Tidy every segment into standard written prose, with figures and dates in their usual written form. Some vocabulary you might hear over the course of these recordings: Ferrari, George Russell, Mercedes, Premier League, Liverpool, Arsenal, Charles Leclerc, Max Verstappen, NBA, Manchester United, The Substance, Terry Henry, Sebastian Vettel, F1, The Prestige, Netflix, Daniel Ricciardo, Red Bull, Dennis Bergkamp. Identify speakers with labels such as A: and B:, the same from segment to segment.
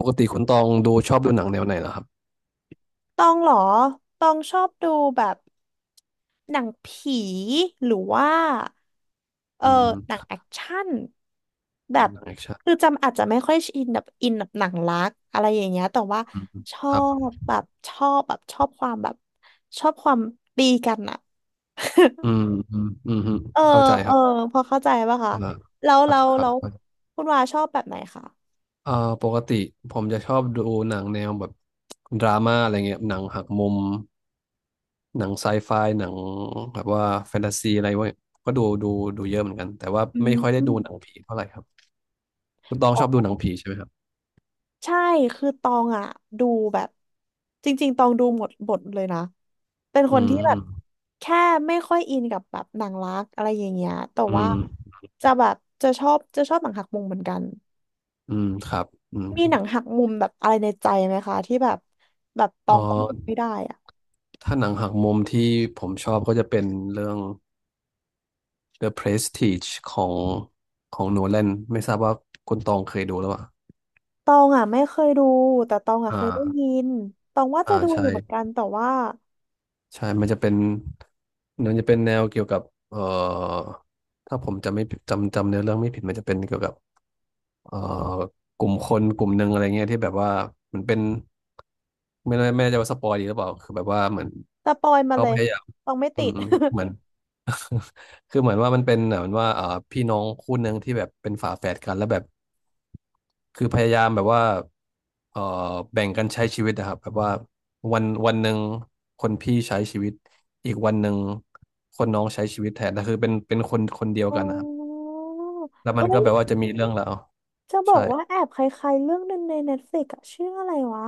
A: ปกติคุณตองดูชอบดูหนังแนวไหนเหรอครับ
B: ตองเหรอตองชอบดูแบบหนังผีหรือว่าเอ
A: อื
B: อ
A: ม
B: หนังแอคชั่นแบบ
A: หนังแอคชั่น
B: คือจำอาจจะไม่ค่อยอินแบบอินแบบหนังรักอะไรอย่างเงี้ยแต่ว่า
A: อืม
B: ชอ
A: ครับ
B: บแบบชอบแบบชอบความแบบชอบความตีกันอะ
A: อืมอืมอืมอืม
B: เออ
A: เข้าใจ
B: เอ
A: ค
B: อ
A: รับ
B: พอเข้าใจป่ะคะ
A: อ่า
B: แล้ว
A: ครับ
B: แล้ว
A: ครั
B: แล้ว
A: บ
B: คุณวาชอบแบบไหนคะ
A: เอ่อปกติผมจะชอบดูหนังแนวแบบดราม่าอะไรเงี้ยหนังหักมุมหนังไซไฟหนังแบบว่าแฟนตาซีอะไรเว้ยก็ดูดูเยอะเหมือนกันแต่ว่า
B: อื
A: ไม่
B: ม
A: ค่อย
B: อ
A: ได้
B: ม
A: ดูหนังผีเท่าไหร่ครับคุณตองชอบดูหนังผีใช่ไหมครับ
B: ใช่คือตองอ่ะดูแบบจริงๆตองดูหมดบทเลยนะเป็นค
A: อื
B: น
A: ม
B: ที่แบ
A: อื
B: บ
A: ม
B: แค่ไม่ค่อยอินกับแบบหนังรักอะไรอย่างเงี้ยแต่
A: อื
B: ว่า
A: ม
B: จะแบบจะชอบจะชอบหนังหักมุมเหมือนกัน
A: อืมครับอืม
B: มีหนังหักมุมแบบอะไรในใจไหมคะที่แบบแบบต
A: อ๋
B: องต้องดู
A: อ
B: ไม่ได้อะ
A: ถ้าหนังหักมุมที่ผมชอบก็จะเป็นเรื่อง The Prestige ของโนแลนไม่ทราบว่าคุณตองเคยดูหรือเปล่า
B: ตองอ่ะไม่เคยดูแต่ตองอ่ะ
A: อ่
B: เคยได้ยิ
A: า
B: นตองว่า
A: อ่า
B: จะดูอ
A: ใช่
B: ยู่เหมือนกันแต่ว่า
A: ใช่มันจะเป็นมันจะเป็นแนวเกี่ยวกับเอ่อถ้าผมจำไม่ผิดจำเนื้อเรื่องไม่ผิดมันจะเป็นเกี่ยวกับเอ่อกลุ่มคนกลุ่มหนึ่งอะไรเงี้ยที่แบบว่ามันเป็นไม่แน่ใจว่าสปอยดีหรือเปล่าคือแบบว่าเหมือน
B: สปอยมา
A: เขา
B: เล
A: พ
B: ย
A: ยายาม
B: ตองไม่
A: อื
B: ติ
A: ม
B: ด
A: อืมเหมือน คือเหมือนว่ามันเป็นเหมือนว่าพี่น้องคู่หนึ่งที่แบบเป็นฝาแฝดกันแล้วแบบคือพยายามแบบว่าเอ่อแบ่งกันใช้ชีวิตนะครับแบบว่าวันวันหนึ่งคนพี่ใช้ชีวิตอีกวันหนึ่งคนน้องใช้ชีวิตแทนแต่คือเป็นคนคนเดียว
B: อ๋
A: กันนะครับ
B: อ
A: แล้วมั
B: เอ้
A: นก็
B: ย
A: แบบว่าจะมีเรื่องราว
B: จะบอ
A: ใช่
B: กว่าแอบคล้ายๆเรื่องหนึ่งใน Netflix อะชื่ออะไรวะ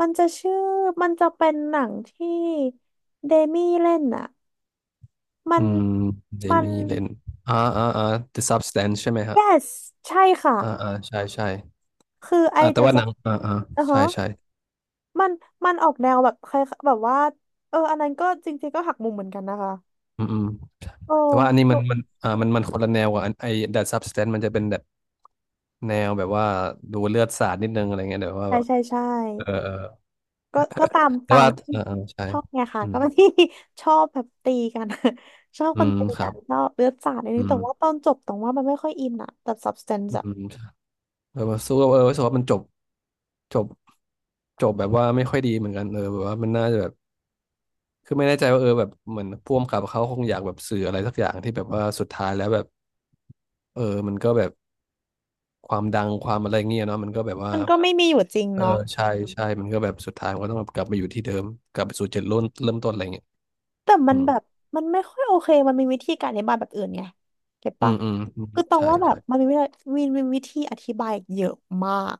B: มันจะชื่อ มันจะเป็นหนังที่เดมี่เล่นอะมั
A: อื
B: น
A: มเจ
B: มัน
A: มี่เลนอ่าอ่าอ่า The Substance ใช่ไหมฮะ
B: yes ใช่ค่ะ
A: อ่าอ่าใช่ใช่
B: คือไอ
A: อ่าแต่
B: เด
A: ว่าหนั
B: อะ
A: งอ่าอ่า
B: อ่ะ
A: ใช่
B: ฮะ
A: ใช่
B: มัน มันออกแนวแบบคล้ายแบบว่า อันนั้นก็จริงๆก็หักมุมเหมือนกันนะคะ
A: อืมอืม
B: โอ
A: แต่ว่าอันนี้มั
B: ้
A: นมันอ่ามันมันคนละแนวกับอันไอ้ That Substance มันจะเป็นแบบแนวแบบว่าดูเลือดสาดนิดนึงอะไรเงี้ยแต่ว่า
B: ใช่
A: แบบ
B: ใช่ใช่
A: เออเออ
B: ก็ก็ตาม
A: แต่
B: ตาม
A: ว่า
B: ที่
A: เออเออใช่
B: ชอบไงค่ะ
A: อื
B: ก็
A: ม
B: เป็นที่ ชอบแบบตีกัน ชอบ
A: อื
B: คน
A: ม
B: ตี
A: ครั
B: กั
A: บ
B: นชอบเลือดสาดนิดนึ
A: อื
B: ง
A: ม
B: แต่ว่าตอนจบตรงว่ามันไม่ค่อยอินอะแต่ substance
A: อื
B: อะ
A: มใช่เออสู้กับเออรู้สึกว่ามันจบจบจบแบบว่าไม่ค่อยดีเหมือนกันเออแบบว่ามันน่าจะแบบคือไม่แน่ใจว่าเออแบบเหมือนพ่วงกับเขาคงอยากแบบสื่ออะไรสักอย่างที่แบบว่าสุดท้ายแล้วแบบเออมันก็แบบความดังความอะไรเงี้ยเนาะมันก็แบบว่า
B: มันก็ไม่มีอยู่จริง
A: เออ
B: เนาะ
A: ใช่ใช่มันก็แบบสุดท้ายมันก็ต้องแบบกลับมาอยู่ที่เดิมกลับไปสู่จุดเริ่มต้นอะไรเงี้ย
B: แต่มั
A: อื
B: น
A: ม
B: แบบมันไม่ค่อยโอเคมันมีวิธีการอธิบายแบบอื่นไงเก็ต
A: อื
B: ปะ
A: มอืมอืม
B: คือตรง
A: ใช่
B: ว่าแบ
A: ใช่
B: บมันมีวิธีมีมีวิธีอธิบายเยอะมาก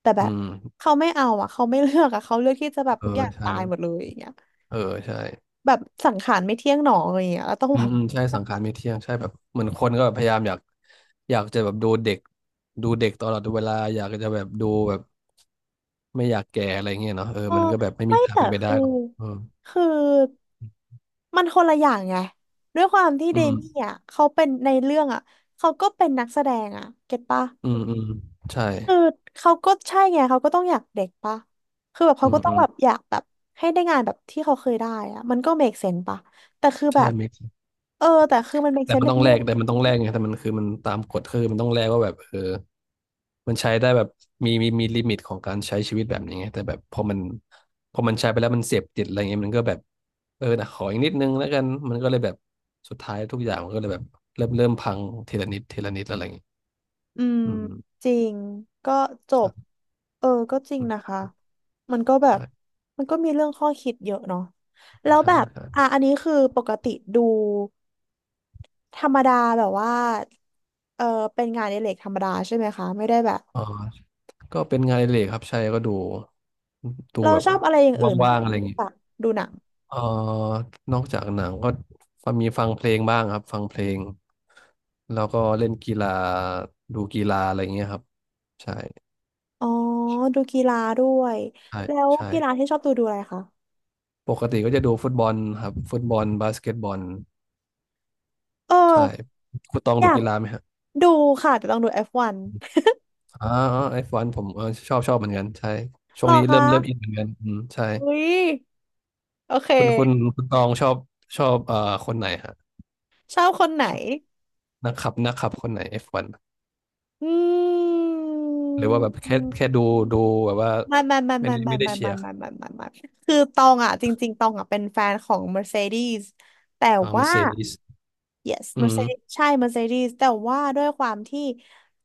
B: แต่แบ
A: อื
B: บ
A: ม
B: เขาไม่เอาอะเขาไม่เลือกอะเขาเลือกที่จะแบบ
A: เอ
B: ทุกอ
A: อ
B: ย่าง
A: ใช่
B: ตายหมดเลยอย่างเงี้ย
A: เออใช่
B: แบบสังขารไม่เที่ยงหนออะไรอย่างเงี้ยแล้วต้อง
A: อื
B: แบ
A: ม
B: บ
A: อืมใช่สังขารไม่เที่ยงใช่แบบเหมือนคนก็แบบพยายามอยากอยากจะแบบดูเด็กดูเด็กตลอดเวลาอยากจะแบบดูแบบไม่อยากแก่อะไรเงี้ยเนาะเออ
B: เออ
A: มันก็แบบไม่มี
B: ไม่
A: ทาง
B: แต่
A: เป็นไปได้
B: คือ
A: หรอกเออ
B: คือมันคนละอย่างไงด้วยความที่
A: อื
B: เดมี่
A: ม
B: อ่ะเขาเป็นในเรื่องอ่ะเขาก็เป็นนักแสดงอ่ะเก็ตปะ
A: อืมอืมใช่
B: คือเขาก็ใช่ไงเขาก็ต้องอยากเด็กปะคือแบบ
A: อื
B: เขาก็
A: ม
B: ต้อ
A: อื
B: ง
A: ม
B: แบบอยากแบบให้ได้งานแบบที่เขาเคยได้อ่ะมันก็ make sense ปะแต่คือแบ
A: ใช่
B: บ
A: make
B: แต่คือมัน make
A: แต่
B: sense
A: มัน
B: ใน
A: ต้องแล
B: เรื่อ
A: ก
B: ง
A: แต่มันต้องแลกไงแต่มันคือมันตามกฎคือมันต้องแลกว่าแบบเออมันใช้ได้แบบมีลิมิตของการใช้ชีวิตแบบนี้ไงแต่แบบพอมันพอมันใช้ไปแล้วมันเสพติดอะไรเงี้ยมันก็แบบเออนะขออีกนิดนึงแล้วกันมันก็เลยแบบสุดท้ายทุกอย่างมันก็เลยแบบเริ่มพังทีละนิดทีละนิดอะไรเงี้ย
B: อืม
A: อืม
B: จริงก็จบ
A: ใช่
B: เออก็จริง
A: อื
B: นะ
A: ม
B: คะมันก็แบบ
A: ใช่
B: มันก็มีเรื่องข้อคิดเยอะเนาะแล้ว
A: ใช่
B: แบบ
A: ใช่
B: อ่ะอันนี้คือปกติดูธรรมดาแบบว่าเออเป็นงานอดิเรกธรรมดาใช่ไหมคะไม่ได้แบบ
A: อ๋อก็เป็นงานอดิเรกครับใช่ก็ดูดู
B: เรา
A: แบบ
B: ชอบอะไรอย่างอื่นไหม
A: ว่างๆ
B: คะ
A: อะไร
B: นอก
A: เงี้ย
B: จากดูหนัง
A: เอ่อนอกจากหนังก็ฟังมีฟังเพลงบ้างครับฟังเพลงแล้วก็เล่นกีฬาดูกีฬาอะไรอย่างเงี้ยครับใช่
B: อ๋อดูกีฬาด้วย
A: ใช่
B: แล้ว
A: ใช่
B: กีฬาที่ชอบดูดูอะไรคะ
A: ปกติก็จะดูฟุตบอลครับฟุตบอลบาสเกตบอล
B: เออ
A: ใช่คุณตอง
B: อ
A: ดู
B: ยาก
A: กีฬาไหมฮะ
B: ดูค่ะแต่ต้องดู F1
A: อ๋อไอฟวันผมเออชอบเหมือนกันใช่ช่
B: หร
A: วง
B: อ
A: นี้เริ่
B: คะ
A: มเริ่มอินเหมือนกันอืมใช่
B: อุ๊ยโอเค
A: คุณคุณตองชอบชอบเอ่อคนไหนฮะ
B: ชอบคนไหน
A: ชอบนักขับคนไหนเอฟวัน
B: อื
A: หรือว่าแบบแค่ดู
B: ม
A: ดูแบบว่า
B: ไม่ไม่ไม่ไม่ไม่
A: ไม่ได้
B: ไม่
A: เชีย
B: ไม่
A: ร์
B: ไม่ไม่ไม่ไม่คือตองอ่ะจริงๆตองอ่ะเป็นแฟนของ Mercedes แต่
A: อ่าเม
B: ว่า
A: เซดิส
B: yes
A: อื
B: Mercedes
A: ม
B: ใช่ Mercedes แต่ว่าด้วยความที่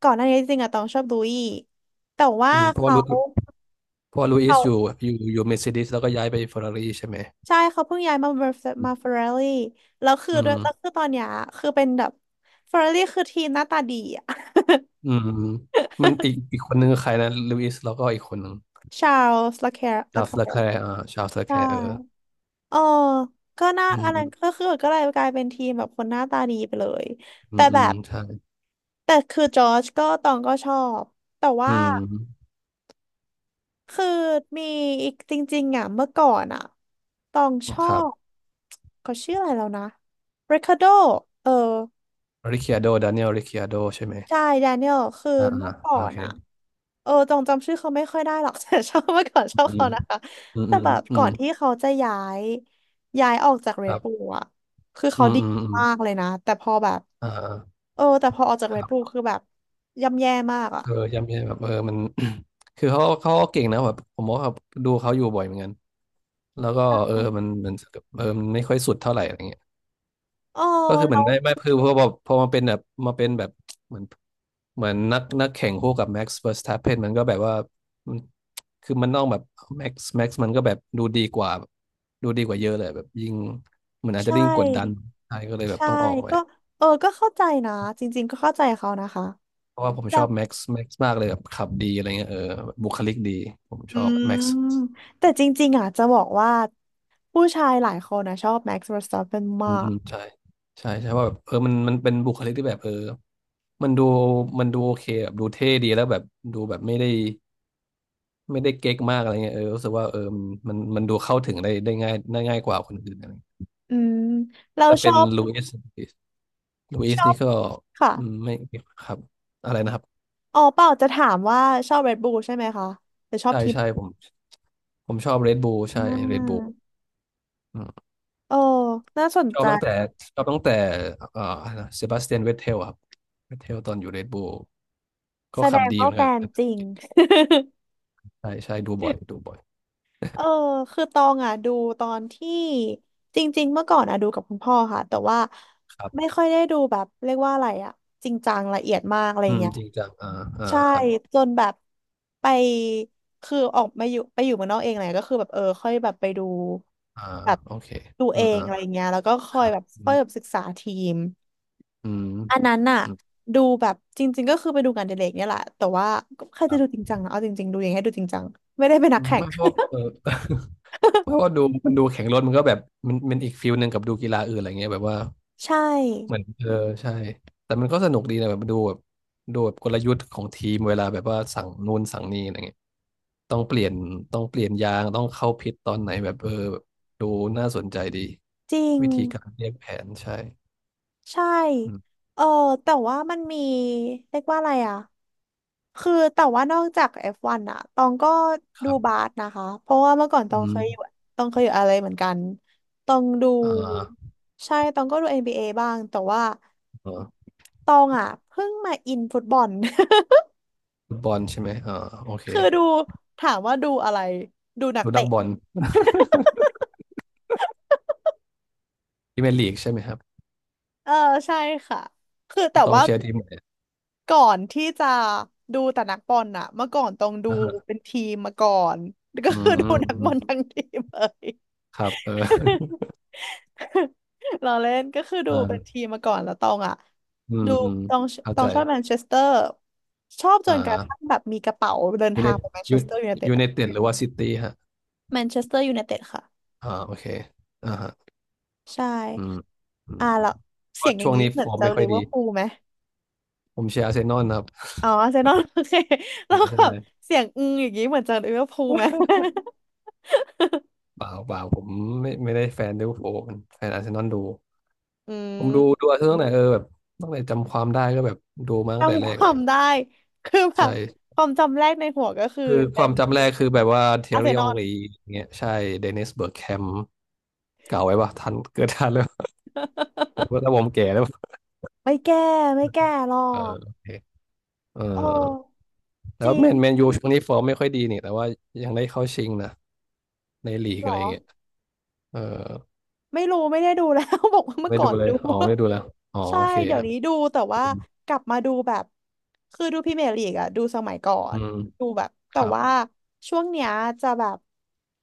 B: ก่อนหน้านี้จริงๆอ่ะตองชอบลุยแต่ว่า
A: อืม
B: เขา
A: เพราะว่าลุย
B: เขา
A: สอยู่อยู่เมเซดิสแล้วก็ย้ายไปเฟอร์รารี่ใช่ไหม
B: ใช่เขาเพิ่งย้ายมา Merce- มาเฟอ
A: อ
B: ร์ราี่แล้วคือ
A: ื
B: ด้วยแล้
A: ม
B: วคือตอนเนี้ยคือเป็นแบบเฟอร์ราี่คือทีมหน้าตาดีอ่ะ
A: อืมมันอีกคนนึงคือใครนะลุยสแล้วก็อีกคนหนึ่ง
B: ชาร์ลส์ l ล c ค r ร์ลา
A: ชาร์ล
B: ค r
A: ส์เล c แค
B: ร์
A: ร์อ่าชาร์ลส์เล c แค
B: ใช่
A: ร์เออ
B: เออก็น่า
A: อืม
B: อัน
A: อื
B: นั้น
A: ม
B: ก็คือก็เลยกลายเป็นทีมแบบคนหน้าตาดีไปเลย
A: อื
B: แต่
A: มอื
B: แบ
A: ม
B: บ
A: ใช่
B: แต่คือจอร์จก็ตองก็ชอบ แต่
A: อื
B: ว่า
A: ม
B: คือมีอีกจริงๆอ่ะเมื่อก่อนอ่ะตองชอ
A: ครับ
B: บเขาชื่ออะไรแล้วนะริคาร์โดเออ
A: ริค i าโดดานิเอลริค i าโดใช่ไหม
B: ใช่แดเนียลคือ
A: อ่า
B: เมื่
A: อ่า
B: อก่อ
A: โอ
B: น
A: เค
B: อะจงจำชื่อเขาไม่ค่อยได้หรอก แต่ชอบเมื่อก่อนชอบ
A: อืม
B: เขานะคะ
A: อืม
B: แต่
A: อืม
B: แบบ
A: อื
B: ก่อ
A: ม
B: นที่เขาจะย้ายย้ายออกจากเร
A: ค
B: ด
A: รั
B: บู l
A: บ
B: อะคือ
A: อื
B: เขา
A: ม
B: ดี
A: อืมอืม
B: มากเลยนะแต่พอแบบ
A: อ่า
B: แต่พอออกจาก
A: ค
B: เรด
A: รั
B: บู l
A: บ
B: คือแบบย่ำแย่มากอะ
A: เออย่ำแย่แบบเออมัน คือเขาก็เก่งนะแบบผมว่าแบบดูเขาอยู่บ่อยเหมือนกัน แล้วก็เออมันมันไม่ค่อยสุดเท่าไหร่อะไรเงี้ย
B: อ๋อ
A: ก็คือเห
B: แล้
A: มือน
B: ว
A: ได้ไม่คือพอมาเป็นแบบมาเป็นแบบเหมือนเหมือนนักแข่งคู่กับแม็กซ์เวอร์สแตปเนมันก็แบบว่ามันคือมันต้องแบบแม็กซ์มันก็แบบดูดีกว่าดูดีกว่าเยอะเลยแบบยิ่งเหมือนอาจ
B: ใช
A: จะยิ่งกดดัน
B: ่
A: ใช่ก็เลยแบบ
B: ใช่
A: ต้องออกไป
B: ก็ก็เข้าใจนะจริงๆก็เข้าใจเขานะคะ
A: เพราะว่าผมชอบแม็กซ์มากเลยแบบขับดีอะไรเงี้ยเออบุคลิกดีผม
B: อื
A: ชอบ
B: ม
A: แม็กซ์
B: แต่จริงๆอ่ะจะบอกว่าผู้ชายหลายคนนะชอบแม็กซ์เวอร์สตัปเปน
A: อื
B: มา
A: มอื
B: ก
A: มใช่ใช่ใช่ว่าแบบเออมันเป็นบุคลิกที่แบบเออมันดูมันดูโอเคแบบดูเท่ดีแล้วแบบดูแบบไม่ได้ไม่ได้เก๊กมากอะไรเงี้ยเออรู้สึกว่าเออมันดูเข้าถึงได้ได้ง่ายได้ง่ายกว่าคนอื่นอะไรเงี้ย
B: อืมเรา
A: ถ้า
B: ช
A: เป็
B: อ
A: น
B: บ
A: ลูอิสลูอิ
B: ช
A: ส
B: อ
A: นี่
B: บ
A: ก็
B: ค่ะ
A: อืมไม่ครับอะไรนะครับ
B: อ๋อเปล่าจะถามว่าชอบ Red Bull ใช่ไหมคะหรือชอบ
A: ใช่
B: ทีม
A: ใช่
B: ไหน
A: ผมผมชอบเรดบู l
B: อ่
A: ใช่เรดบู l
B: า
A: อืม
B: โอ้น่าสน
A: ชอบ
B: ใจ
A: ตั้งแต่ชอบตั้งแต่เอ่อเซบาสเตียนเวทเทลครับเวทเทลตอนอยู่เรดบู l ก็
B: แสด
A: ขับ
B: ง
A: ดีเห
B: ว่า
A: มือน
B: แฟ
A: กัน
B: นจริง
A: ใช่ใช่ดูบ่อยดูบ่อย
B: เออคือตองอ่ะดูตอนที่จริงๆเมื่อก่อนอ่ะดูกับคุณพ่อค่ะแต่ว่า
A: ครั
B: ไม่
A: บ
B: ค่อยได้ดูแบบเรียกว่าอะไรอ่ะจริงจังละเอียดมากอะไร
A: อืม
B: เงี้ย
A: จริงจังอ่าอ่า
B: ใช่
A: ครับ
B: จนแบบไปคือออกมาอยู่ไปอยู่เมืองนอกเองอะไรก็คือแบบค่อยแบบไปดู
A: อ่า
B: แบบ
A: โอเค
B: ดู
A: อื
B: เอ
A: ม
B: ง
A: อ่า
B: อะไรเงี้ยแล้วก็
A: ค
B: ค่อย
A: รับ
B: แบบ
A: อื
B: ค่อ
A: ม
B: ยแบบศึกษาทีม
A: อืม
B: อันนั้นน่ะ
A: อืม
B: ดูแบบจริงๆก็คือไปดูงานอดิเรกเนี่ยแหละแต่ว่าก็ใคร
A: ค
B: จะ
A: รั
B: ดูจ
A: บ
B: ริงจังนะเอาจริงๆดูอย่างให้ดูจริงจังไม่ได้เป็นนั
A: อื
B: ก
A: ม
B: แข่ง
A: ไม่เพราะเออ เพราะว่าดูมันดูแข่งรถมันก็แบบมันอีกฟิลหนึ่งกับดูกีฬาอื่นอะไรเงี้ยแบบว่า
B: ใช
A: เหมื
B: ่
A: อนเออใช่แต่มันก็สนุกดีนะแบบดูแบบดูแบบกลยุทธ์ของทีมเวลาแบบว่าสั่งนู่นสั่งนี่อะไรเงี้ยต้องเปลี่ยนต้องเปลี่ยนยางต้องเข้าพิทตอนไหนแบบเออแบบดูน่าสนใจดี
B: จริง
A: วิธีการเรียกแผนใช่
B: ใช่
A: อืม
B: เออแต่ว่ามันมีเรียกว่าอะไรอ่ะ คือแต่ว่านอกจาก F1 อฟวันอะตองก็
A: ค
B: ดู
A: รั
B: บา
A: บ
B: สนะคะ เพราะว่าเมื่อก่อนตอ
A: อื
B: งเค
A: ม
B: ยอยู่ตองเคยอยู่อะไรเหมือนกันตองดู
A: อ่า
B: ใช่ตองก็ดู NBA บเอบ้างแต่ว่า
A: อ่า
B: ตองอะเพิ่งมาอินฟุตบอล
A: ฟุตบอลใช่ไหมอ่าโอเค
B: คือดูถามว่าดูอะไรดูนัก
A: ดูนัก
B: เตะ
A: บอลพรีเมียร์ลีกใช่ไหมครับ
B: เออใช่ค่ะคือแต่
A: ต้อง
B: ว่า
A: เชียร์ทีมไหน
B: ก่อนที่จะดูแต่นักบอลอะเมื่อก่อนต้องดู
A: อ่าฮะ
B: เป็นทีมมาก่อนก็
A: อืม
B: คือดูนัก
A: อื
B: บอ
A: ม
B: ลทั้งทีมเลย
A: ครับเออ
B: เราเล่นก็คือ ดูเป็นที
A: อ่า
B: มมาก่อนแล้วตองอะ
A: อืม
B: ดู
A: อืม
B: ตอง
A: เข้าใจ
B: ชอบแมนเชสเตอร์ชอบ
A: อ
B: จนกระทั่
A: ่า
B: งแบบมีกระเป๋าเดิน
A: ยู
B: ทา
A: ไน
B: งไปแมนเช
A: ยู
B: สเตอร์ยูไนเต็ด
A: ยูไน
B: อะ
A: เต็ดหรือว่าซิตี้ฮะ
B: แมนเชสเตอร์ยูไนเต็ดค่ะ
A: อ่าโอเคอ่าฮะ
B: ใช่
A: อืมอืม
B: อ่า
A: อื
B: แล้ว
A: มเพ
B: เสีย
A: ราะ
B: งอ
A: ช่
B: ย่าง
A: วง
B: นี้
A: นี้
B: เหมื
A: ฟ
B: อน
A: อร์ม
B: จะ
A: ไม่ค่
B: ลิ
A: อย
B: เว
A: ดี
B: อร์พูลไหม
A: ผมเชียร์อาร์เซนอลครับ
B: อ๋ออาร์เซนอลโอเค แล้
A: อ่า
B: ว
A: ใช่
B: แบบเสียงอืออย่างนี้เหมือนจะลิเวอร์พูลไหม
A: เปล่าเปล่าผมไม่ได้แฟนลิเวอร์พูลผมแฟนอาร์เซนอลดู
B: อื
A: ผมดู
B: ม
A: ดูอาร์เซนอลตั้งแต่เออแบบตั้งแต่จำความได้ก็แบบดูมาตั้งแต่
B: จำ
A: แร
B: ค
A: กแห
B: วา
A: ละ
B: มได้ คือแบบ
A: ใช่
B: ความจำแรกในหัวก็คือ
A: คือค
B: เป็
A: วา
B: น
A: มจำแรกคือแบบว่าเทอ
B: อาร์เซ
A: รี่
B: น
A: อ
B: อ
A: ง
B: ล
A: รีเงี้ยใช่เดนิสเบิร์กแคมเก่าไว้ปะทัน เกิดทันแล้ว ผมก แล้วผมแก่แล้ว
B: ไม่แก้ไม่แก้หรอ
A: เออโอ
B: ก
A: เคเออ
B: โอ้
A: แต่
B: จริ
A: ว่าแมน
B: ง
A: ยูช่วงนี้ฟอร์มไม่ค่อยดีนี่แต่ว่ายังได้เข้าชิงนะในลีก
B: เหร
A: อะไร
B: อ
A: เงี้ยเออ
B: ไม่รู้ไม่ได้ดูแล้ว บอกว่าเมื่อ
A: ไม่
B: ก่อ
A: ดู
B: น
A: เล
B: ดู
A: ยอ๋อไม่ดูแล้วอ๋อ
B: ใช่
A: โอเค
B: เดี๋ย
A: ค
B: ว
A: รั
B: นี้
A: บ
B: ดูแต่ว่ากลับมาดูแบบคือดูพรีเมียร์ลีกอะดูสมัยก่อ
A: อื
B: น
A: ม
B: ดูแบบ
A: ค
B: แต่
A: รับ
B: ว่าช่วงเนี้ยจะแบบ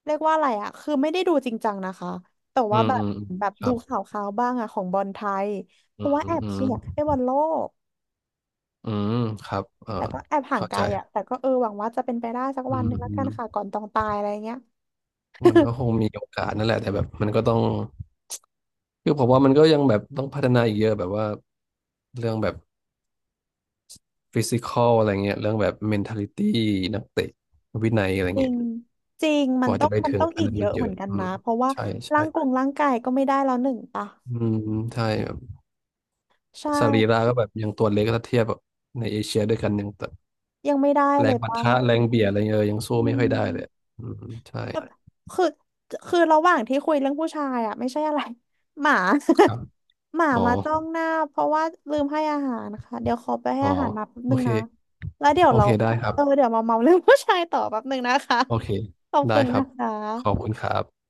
B: เรียกว่าอะไรอะคือไม่ได้ดูจริงจังนะคะแต่
A: อื
B: ว่า
A: ม
B: แบ
A: อื
B: บ
A: ม
B: แบบ
A: ครั
B: ดู
A: บ
B: ข่าวข่าวบ้างอะของบอลไทยเพ
A: อื
B: ราะว่า
A: ม
B: แอบ
A: อื
B: เชี
A: ม
B: ยร์ให้บอลโลก
A: อืมครับเออ
B: แต่ก็แอบห่าง
A: เข้า
B: ไก
A: ใจ
B: ลอะแต่ก็เออหวังว่าจะเป็นไปได้สัก
A: อื
B: วัน
A: ม
B: หนึ่งแล้ว
A: อื
B: กั
A: ม
B: นค่ะก่อนต้องตายอะไรเงี้ย
A: มันก็คงมีโอกาสนั่นแหละแต่แบบมันก็ต้อง คือผมว่ามันก็ยังแบบต้องพัฒนาอีกเยอะแบบว่าเรื่องแบบฟิสิคอลอะไรเงี้ยเรื่องแบบเมนท a ลิตี้นักเตะวินัยอะไร
B: จริ
A: เงี้
B: ง
A: ย
B: จริงมั
A: ก
B: น
A: ว่า
B: ต้อ
A: จะ
B: ง
A: ไปถึงอัน
B: อีก
A: นั้น
B: เย
A: มัน
B: อะ
A: เย
B: เหมือ
A: อะ
B: นกัน
A: อื
B: นะ
A: ม
B: เพราะว่า
A: ใช่
B: ร่า
A: ใช่
B: งกงร่างกายก็ไม่ได้แล้วหนึ่งปะ
A: อืมใช่แบบ
B: ใช่
A: สรีระก็แบบยังตัวเล็กถ้าเทียบแบบในเอเชียด้วยกันยังแบบ
B: ยังไม่ได้
A: แร
B: เล
A: ง
B: ย
A: ปะ
B: ปะ
A: ทะแรงเบียดอะไรเงี้ยเออยังสู้
B: อื
A: ไม่ค่อยได้เลย
B: ม
A: อืมใช่
B: แบบคือระหว่างที่คุยเรื่องผู้ชายอ่ะไม่ใช่อะไรหมา
A: ครับ
B: หมา
A: อ๋อ
B: มาจ้องหน้าเพราะว่าลืมให้อาหารนะคะเดี๋ยวขอไปให้
A: อ๋อ
B: อาหารหมาแป๊บ
A: โอ
B: นึง
A: เค
B: นะแล้วเดี๋ยว
A: โอ
B: เรา
A: เคได้ครับ
B: เออเดี๋ยวมาเมาเรื่อง ผู้ชายต่อแป๊บนึงนะคะ
A: โอเค
B: ขอบ
A: ได้
B: คุณ
A: ครั
B: นะ
A: บ
B: คะ
A: ขอบคุณครับ